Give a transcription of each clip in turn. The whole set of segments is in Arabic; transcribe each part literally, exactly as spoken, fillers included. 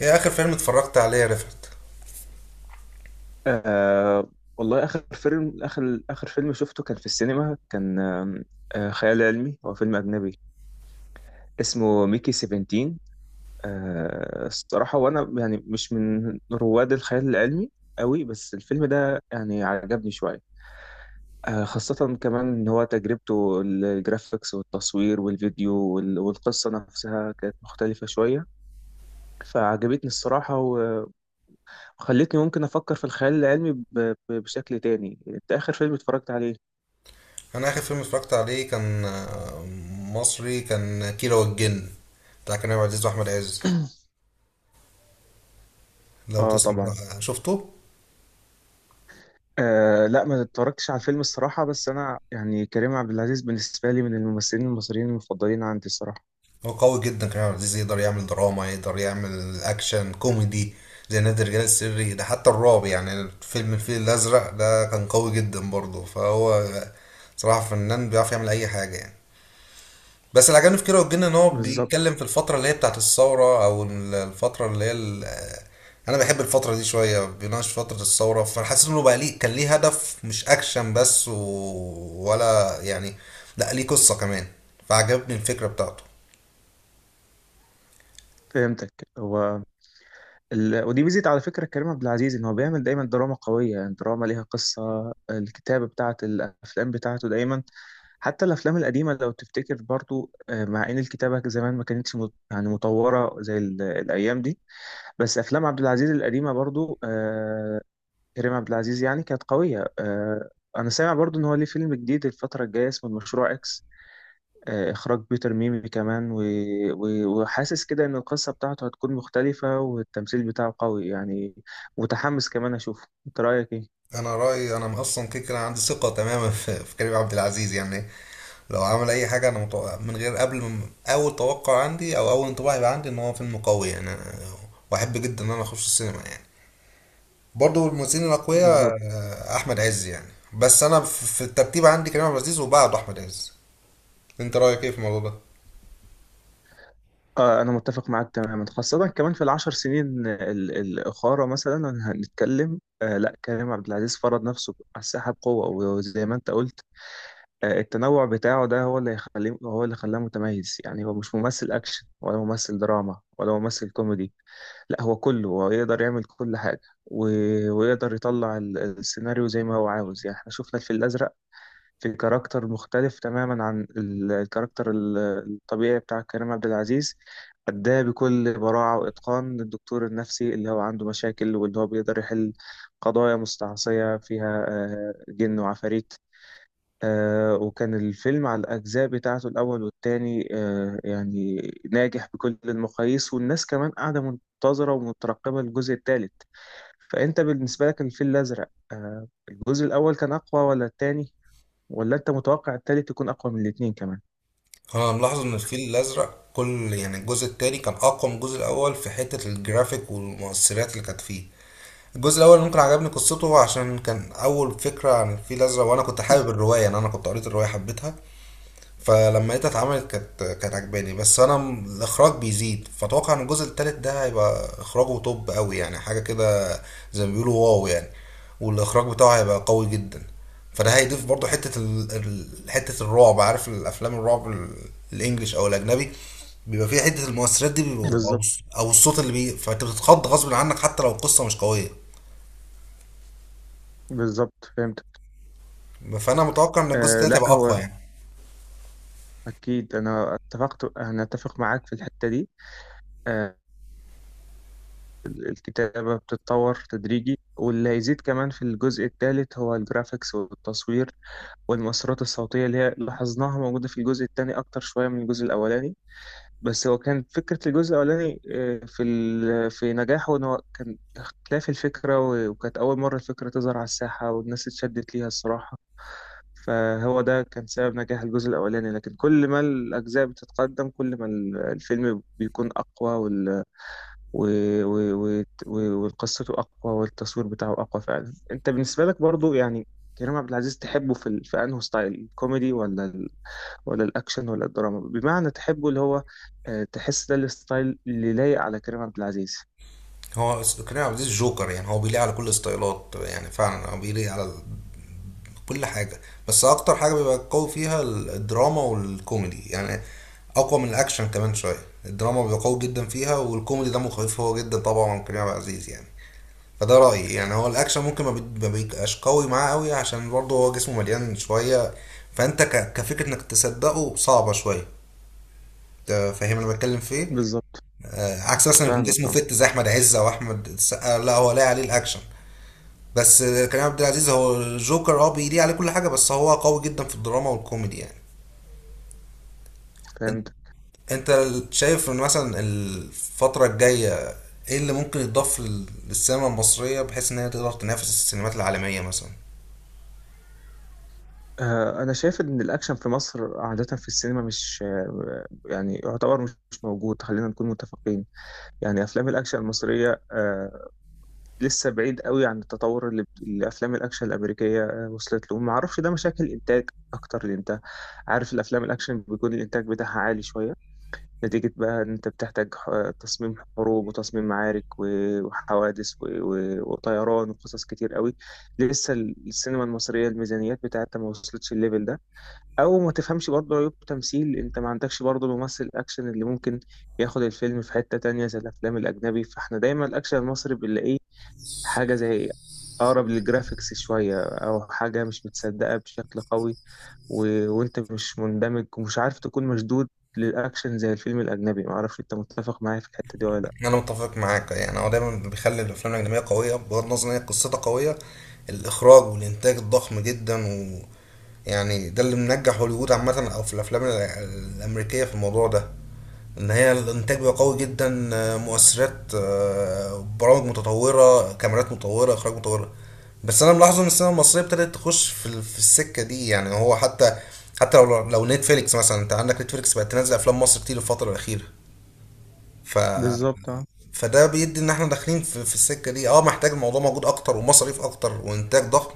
ايه اخر فيلم اتفرجت عليه يا رفعت؟ آه والله آخر فيلم آخر آخر فيلم شفته كان في السينما، كان آم، آه خيال علمي، هو فيلم أجنبي اسمه ميكي سفنتين. آه الصراحة، وأنا يعني مش من رواد الخيال العلمي قوي، بس الفيلم ده يعني عجبني شوية. آه خاصة كمان إن هو تجربته الجرافيكس والتصوير والفيديو وال- والقصة نفسها كانت مختلفة شوية، فعجبتني الصراحة و- وخلتني ممكن أفكر في الخيال العلمي ب- ب- بشكل تاني. أنت آخر فيلم اتفرجت عليه؟ انا اخر فيلم اتفرجت عليه كان آه، مصري، كان كيرة والجن، بتاع كريم عبد العزيز واحمد عز. لو اه، تسمع طبعا. شفته. آه، لا، ما اتفرجتش على الفيلم الصراحة، بس أنا يعني كريم عبد العزيز بالنسبة لي من الممثلين المصريين المفضلين عندي الصراحة. هو قوي جدا كريم عبد العزيز، يقدر يعمل دراما، يقدر يعمل اكشن كوميدي زي نادي الرجال السري ده، حتى الرعب يعني فيلم الفيل الازرق ده كان قوي جدا برضه. فهو صراحة فنان بيعرف يعمل اي حاجة يعني. بس اللي عجبني في كيرة والجن ان هو بالظبط، بيتكلم في الفترة اللي هي بتاعت الثورة، او ال- الفترة اللي هي ال- انا بحب الفترة دي شوية، بيناقش فترة الثورة، فحسيت انه بقى ليه، كان ليه هدف مش اكشن بس و... ولا يعني لا، ليه قصة كمان، فعجبني الفكرة بتاعته. فهمتك. هو ال... ودي ميزة على فكرة كريم عبد العزيز إن هو بيعمل دايما دراما قوية، يعني دراما ليها قصة، الكتابة بتاعة الأفلام بتاعته دايما، حتى الأفلام القديمة لو تفتكر برضو، آه، مع إن الكتابة زمان ما كانتش مت... يعني متطورة زي ال... الأيام دي، بس أفلام عبد العزيز القديمة برضو، آه، كريم عبد العزيز يعني كانت قوية. آه، أنا سامع برضو إن هو ليه فيلم جديد الفترة الجاية اسمه المشروع إكس، آه، إخراج بيتر ميمي كمان، و... و... وحاسس كده إن القصة بتاعته هتكون مختلفة والتمثيل بتاعه قوي، يعني متحمس كمان أشوفه. أنت رأيك إيه؟ انا رأيي، انا اصلا كده كده عندي ثقة تماما في في كريم عبد العزيز يعني. لو عمل اي حاجة، انا متوقع من غير، قبل من اول توقع عندي او اول انطباع يبقى عندي ان هو فيلم قوي يعني. أنا- واحب جدا ان انا اخش السينما يعني. برضو الممثلين بالظبط. الاقوياء آه، احمد عز يعني، بس انا في في الترتيب عندي كريم عبد العزيز وبعده احمد عز. انت رايك ايه في الموضوع ده؟ آه أنا متفق معاك تماما، خاصة كمان في العشر سنين ال- الأخرى مثلا، هنتكلم آه لا، كريم عبد العزيز فرض نفسه على الساحة بقوة. وزي ما أنت قلت، آه، التنوع بتاعه ده هو اللي يخليه، هو اللي خلاه متميز، يعني هو مش ممثل أكشن ولا ممثل دراما ولا ممثل كوميدي، لا، هو كله، هو يقدر يعمل كل حاجة، و... ويقدر يطلع ال- السيناريو زي ما هو عاوز. يعني احنا شفنا الفيل الأزرق في كاركتر مختلف تماما عن ال- الكاركتر ال- الطبيعي بتاع كريم عبد العزيز، أداه بكل براعة وإتقان، الدكتور النفسي اللي هو عنده مشاكل واللي هو بيقدر يحل قضايا مستعصية فيها، آه، جن وعفاريت. آه وكان الفيلم على الأجزاء بتاعته، الأول والتاني، آه يعني ناجح بكل المقاييس، والناس كمان قاعدة منتظرة ومترقبة الجزء التالت. فأنت بالنسبة لك الفيل الأزرق، آه الجزء الأول كان أقوى ولا التاني، ولا أنت متوقع التالت يكون أقوى من الاتنين كمان؟ انا ملاحظ ان الفيل الازرق، كل يعني الجزء التاني كان اقوى من الجزء الاول في حته الجرافيك والمؤثرات اللي كانت فيه. الجزء الاول ممكن عجبني قصته عشان كان اول فكره عن الفيل الازرق، وانا كنت حابب الروايه يعني، انا كنت قريت الروايه، حبيتها، فلما لقيتها اتعملت كانت كانت عجباني. بس انا م- الاخراج بيزيد، فاتوقع ان الجزء التالت ده هيبقى اخراجه توب قوي يعني، حاجه كده زي ما بيقولوا واو يعني، والاخراج بتاعه هيبقى قوي جدا. فده هيضيف برضو حته ال... ال- حته الرعب. عارف الافلام الرعب، ال- الانجليش او الاجنبي، بيبقى فيها حته المؤثرات دي، بيبقوا او بالظبط. الص- أو الصوت اللي بي، فانت بتتخض غصب عنك حتى لو القصه مش قويه. بالظبط، فهمت. فانا متوقع ان الجزء آه التالت لا، هيبقى اقوى هو يعني. أكيد. أنا اتفقت أنا أتفق معاك في الحتة دي. آه الكتابة بتتطور تدريجي، واللي هيزيد كمان في الجزء الثالث هو الجرافيكس والتصوير والمؤثرات الصوتية اللي هي لاحظناها موجودة في الجزء الثاني أكتر شوية من الجزء الأولاني، بس هو كان فكرة الجزء الأولاني آه، في ال- في نجاحه إن هو كان اختلاف الفكرة و- وكانت أول مرة الفكرة تظهر على الساحة والناس اتشدت ليها الصراحة، فهو ده كان سبب نجاح الجزء الأولاني. لكن كل ما الأجزاء بتتقدم، كل ما ال- الفيلم بيكون أقوى و... و... و... و- وقصته أقوى والتصوير بتاعه أقوى فعلا. أنت بالنسبة لك برضو يعني كريم عبد العزيز تحبه في ال... في أنه ستايل الكوميدي ولا ال... ولا الأكشن ولا الدراما؟ بمعنى تحبه اللي هو، آه، تحس ده الستايل اللي لايق على كريم عبد العزيز؟ هو س- كريم عبد العزيز جوكر يعني، هو بيليق على كل الستايلات، يعني فعلا هو بيليق على كل حاجة. بس أكتر حاجة بيبقى قوي فيها الدراما والكوميدي يعني، أقوى من الأكشن كمان شوية. الدراما بيبقى قوي جدا فيها، والكوميدي دمه خفيف هو جدا طبعا، من كريم عبد العزيز يعني. فده رأيي يعني. هو الأكشن ممكن ما بي- ما بيبقاش قوي معاه قوي، عشان برضه هو جسمه مليان شوية، فأنت ك- كفكرة إنك تصدقه صعبة شوية. أنت فاهم أنا بتكلم في إيه؟ بالظبط، آه، عكس مثلا يكون فاهمك، جسمه اه، فت زي أحمد عز أو أحمد السقا، لا هو لاقي عليه الأكشن. بس كريم عبد العزيز هو الجوكر، اه بيليق عليه كل حاجه، بس هو قوي جدا في الدراما والكوميدي يعني. فهمت. انت انت شايف ان مثلا الفتره الجايه ايه اللي ممكن يتضاف لل- للسينما المصريه بحيث ان هي تقدر تنافس السينمات العالميه مثلا؟ آه، أنا شايف إن الأكشن في مصر عادة في السينما مش آه، يعني يعتبر مش موجود، خلينا نكون متفقين. يعني أفلام الأكشن المصرية آه، لسه بعيد قوي عن التطور اللي اللي افلام الاكشن الامريكيه آه، وصلت له. ما اعرفش ده مشاكل انتاج اكتر، لان انت عارف الافلام الاكشن بيكون الانتاج بتاعها عالي شويه. نتيجه بقى ان انت بتحتاج ح- تصميم حروب وتصميم معارك و- وحوادث و- و- وطيران وقصص كتير قوي. لسه ال- السينما المصريه الميزانيات بتاعتها ما وصلتش الليفل ده، او ما تفهمش برضه عيوب تمثيل، انت ما عندكش برضه الممثل الاكشن اللي ممكن ياخد الفيلم في حته تانية زي الافلام الاجنبي. فاحنا دايما الاكشن المصري بنلاقيه حاجة زي أقرب للجرافيكس شوية، أو حاجة مش متصدقة بشكل قوي، و... وأنت مش مندمج ومش عارف تكون مشدود للأكشن زي الفيلم الأجنبي. معرفش أنت متفق معايا في الحتة دي ولا لأ؟ انا متفق معاك يعني. هو دايما بيخلي الافلام الاجنبيه قويه بغض النظر ان هي قصتها قويه، الاخراج والانتاج الضخم جدا، و يعني ده اللي منجح هوليوود عامه، او في الافلام ال- الامريكيه في الموضوع ده، ان هي الانتاج بقى قوي جدا آه، مؤثرات آه، برامج متطوره، كاميرات متطوره، اخراج متطوره. بس انا ملاحظ ان السينما المصريه ابتدت تخش في ال- في السكه دي يعني. هو حتى حتى لو لو نتفليكس مثلا، انت عندك نتفليكس بقت تنزل افلام مصر كتير الفتره الاخيره، ف بالظبط، اه، فده بيدي ان احنا داخلين في, في السكه دي. اه محتاج الموضوع موجود اكتر ومصاريف اكتر وانتاج ضخم.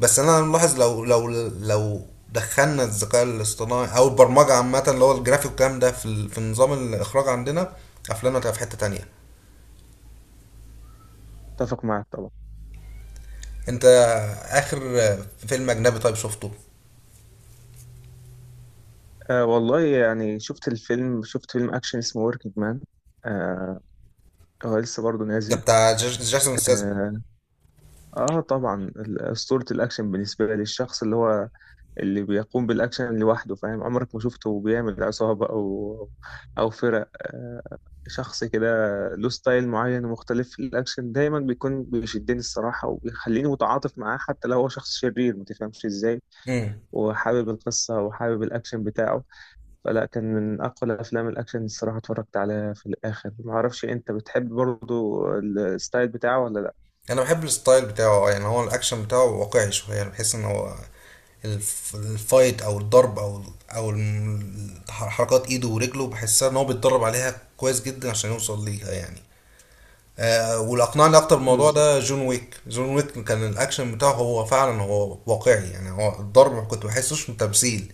بس انا ملاحظ لو لو لو دخلنا الذكاء الاصطناعي او البرمجه عامه، اللي هو الجرافيك والكلام ده، في ال- في نظام الاخراج عندنا، افلامنا هتبقى في حته تانية. متفق معاك طبعا. انت اخر فيلم اجنبي طيب شفته؟ آه، والله، يعني شفت الفيلم شفت فيلم أكشن اسمه وركينج مان. آه هو لسه برضه ده نازل. بتاع جاس- جاسون ستاثام. آه طبعا، ال- أسطورة الأكشن بالنسبة لي، الشخص اللي هو اللي بيقوم بالأكشن لوحده، فاهم؟ عمرك ما شفته بيعمل عصابة أو أو فرق، آه، شخص كده له ستايل معين ومختلف في الأكشن، دايما بيكون بيشدني الصراحة وبيخليني متعاطف معاه حتى لو هو شخص شرير، ما تفهمش إزاي. وحابب القصة وحابب الأكشن بتاعه. فلا، كان من أقوى الأفلام الأكشن الصراحة اتفرجت عليها في الآخر. معرفش أنت بتحب برضو الستايل بتاعه ولا لأ؟ انا بحب الستايل بتاعه اه، يعني هو الاكشن بتاعه واقعي شويه يعني، بحس ان هو الف- الفايت او الضرب او ال- او الم- ح- حركات ايده ورجله، بحسها ان هو بيتدرب عليها كويس جدا عشان يوصل ليها يعني. آه، واللي اقنعني اكتر بالموضوع بالظبط، ده جون ويك. جون ويك كان الاكشن بتاعه هو فعلا هو واقعي يعني، هو الضرب ما كنت بحسوش من تمثيل.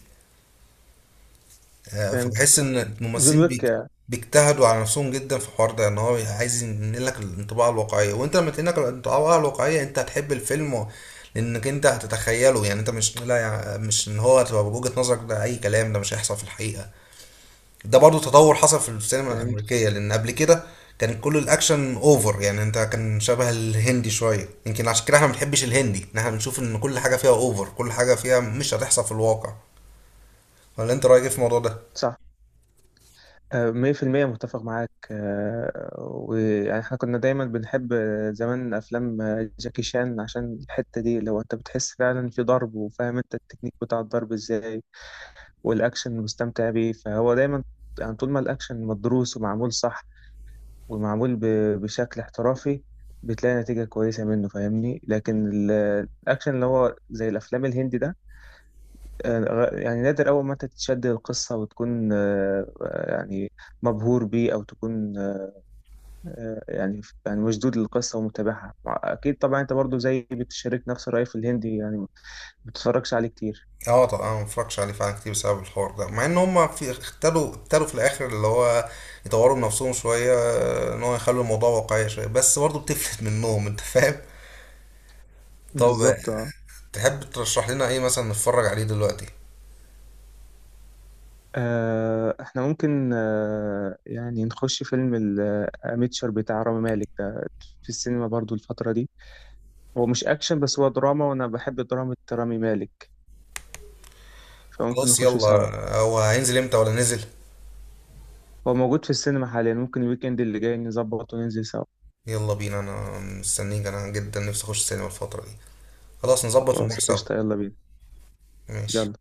آه، فهمتك. فبحس صح، ان جون الممثلين بيك- ويك. بيجتهدوا على نفسهم جدا في الحوار ده، ان هو عايز ينقلك الانطباع الواقعيه، وانت لما تنقلك الانطباع الواقعيه انت هتحب الفيلم، و- لانك انت هتتخيله يعني. انت مش لا يع- مش ان هو تبقى بوجهه نظرك ده اي كلام، ده مش هيحصل في الحقيقه. ده برضو تطور حصل في السينما فهمت. الامريكيه، لان قبل كده كان كل الاكشن اوفر يعني، انت كان شبه الهندي شويه. يمكن عشان كده احنا ما بنحبش الهندي، ان احنا بنشوف ان كل حاجه فيها اوفر، كل حاجه فيها مش هتحصل في الواقع. ولا انت رايك ايه في الموضوع ده؟ صح. آه، مية في المية متفق معاك. آه، ويعني احنا كنا دايما بنحب آه، زمان أفلام آه، جاكي شان عشان الحتة دي. لو أنت بتحس فعلا في ضرب، وفاهم أنت التكنيك بتاع الضرب إزاي والأكشن مستمتع بيه، فهو دايما يعني طول ما الأكشن مدروس ومعمول صح، ومعمول ب- بشكل احترافي، بتلاقي نتيجة كويسة منه، فاهمني؟ لكن ال- الأكشن اللي هو زي الأفلام الهندي ده، آه، يعني نادر أول ما أنت تتشد القصة وتكون آه، آه، يعني مبهور بيه، او تكون آه، يعني يعني مشدود للقصة ومتابعها. أكيد طبعا أنت برضو زي بتشارك نفس الرأي في الهندي، يعني ما بتتفرجش عليه كتير. اه طبعا انا ما بتفرجش عليه فعلا كتير بسبب الحوار ده، مع ان هم في اختلوا، ابتدوا في الاخر اللي هو يطوروا من نفسهم شويه آه، ان هو يخلوا الموضوع واقعي شويه، بس برضه بتفلت منهم، انت فاهم. طب آه، بالظبط، اه. تحب ترشح لنا ايه مثلا نتفرج عليه دلوقتي؟ آه، إحنا ممكن آه، يعني نخش فيلم الميتشر بتاع رامي مالك ده في السينما برضو الفترة دي. هو مش أكشن، بس هو دراما، وأنا بحب دراما رامي مالك، فممكن خلاص نخشه سوا. يلا. هو هينزل امتى ولا نزل؟ هو موجود في السينما حاليا، ممكن الويكند اللي جاي نظبط وننزل سوا. يلا بينا، انا مستنيك، انا جدا نفسي اخش السينما الفتره دي. خلاص نظبط ونروح خلاص، سوا. قشطة، يلا بينا. ماشي. يلا.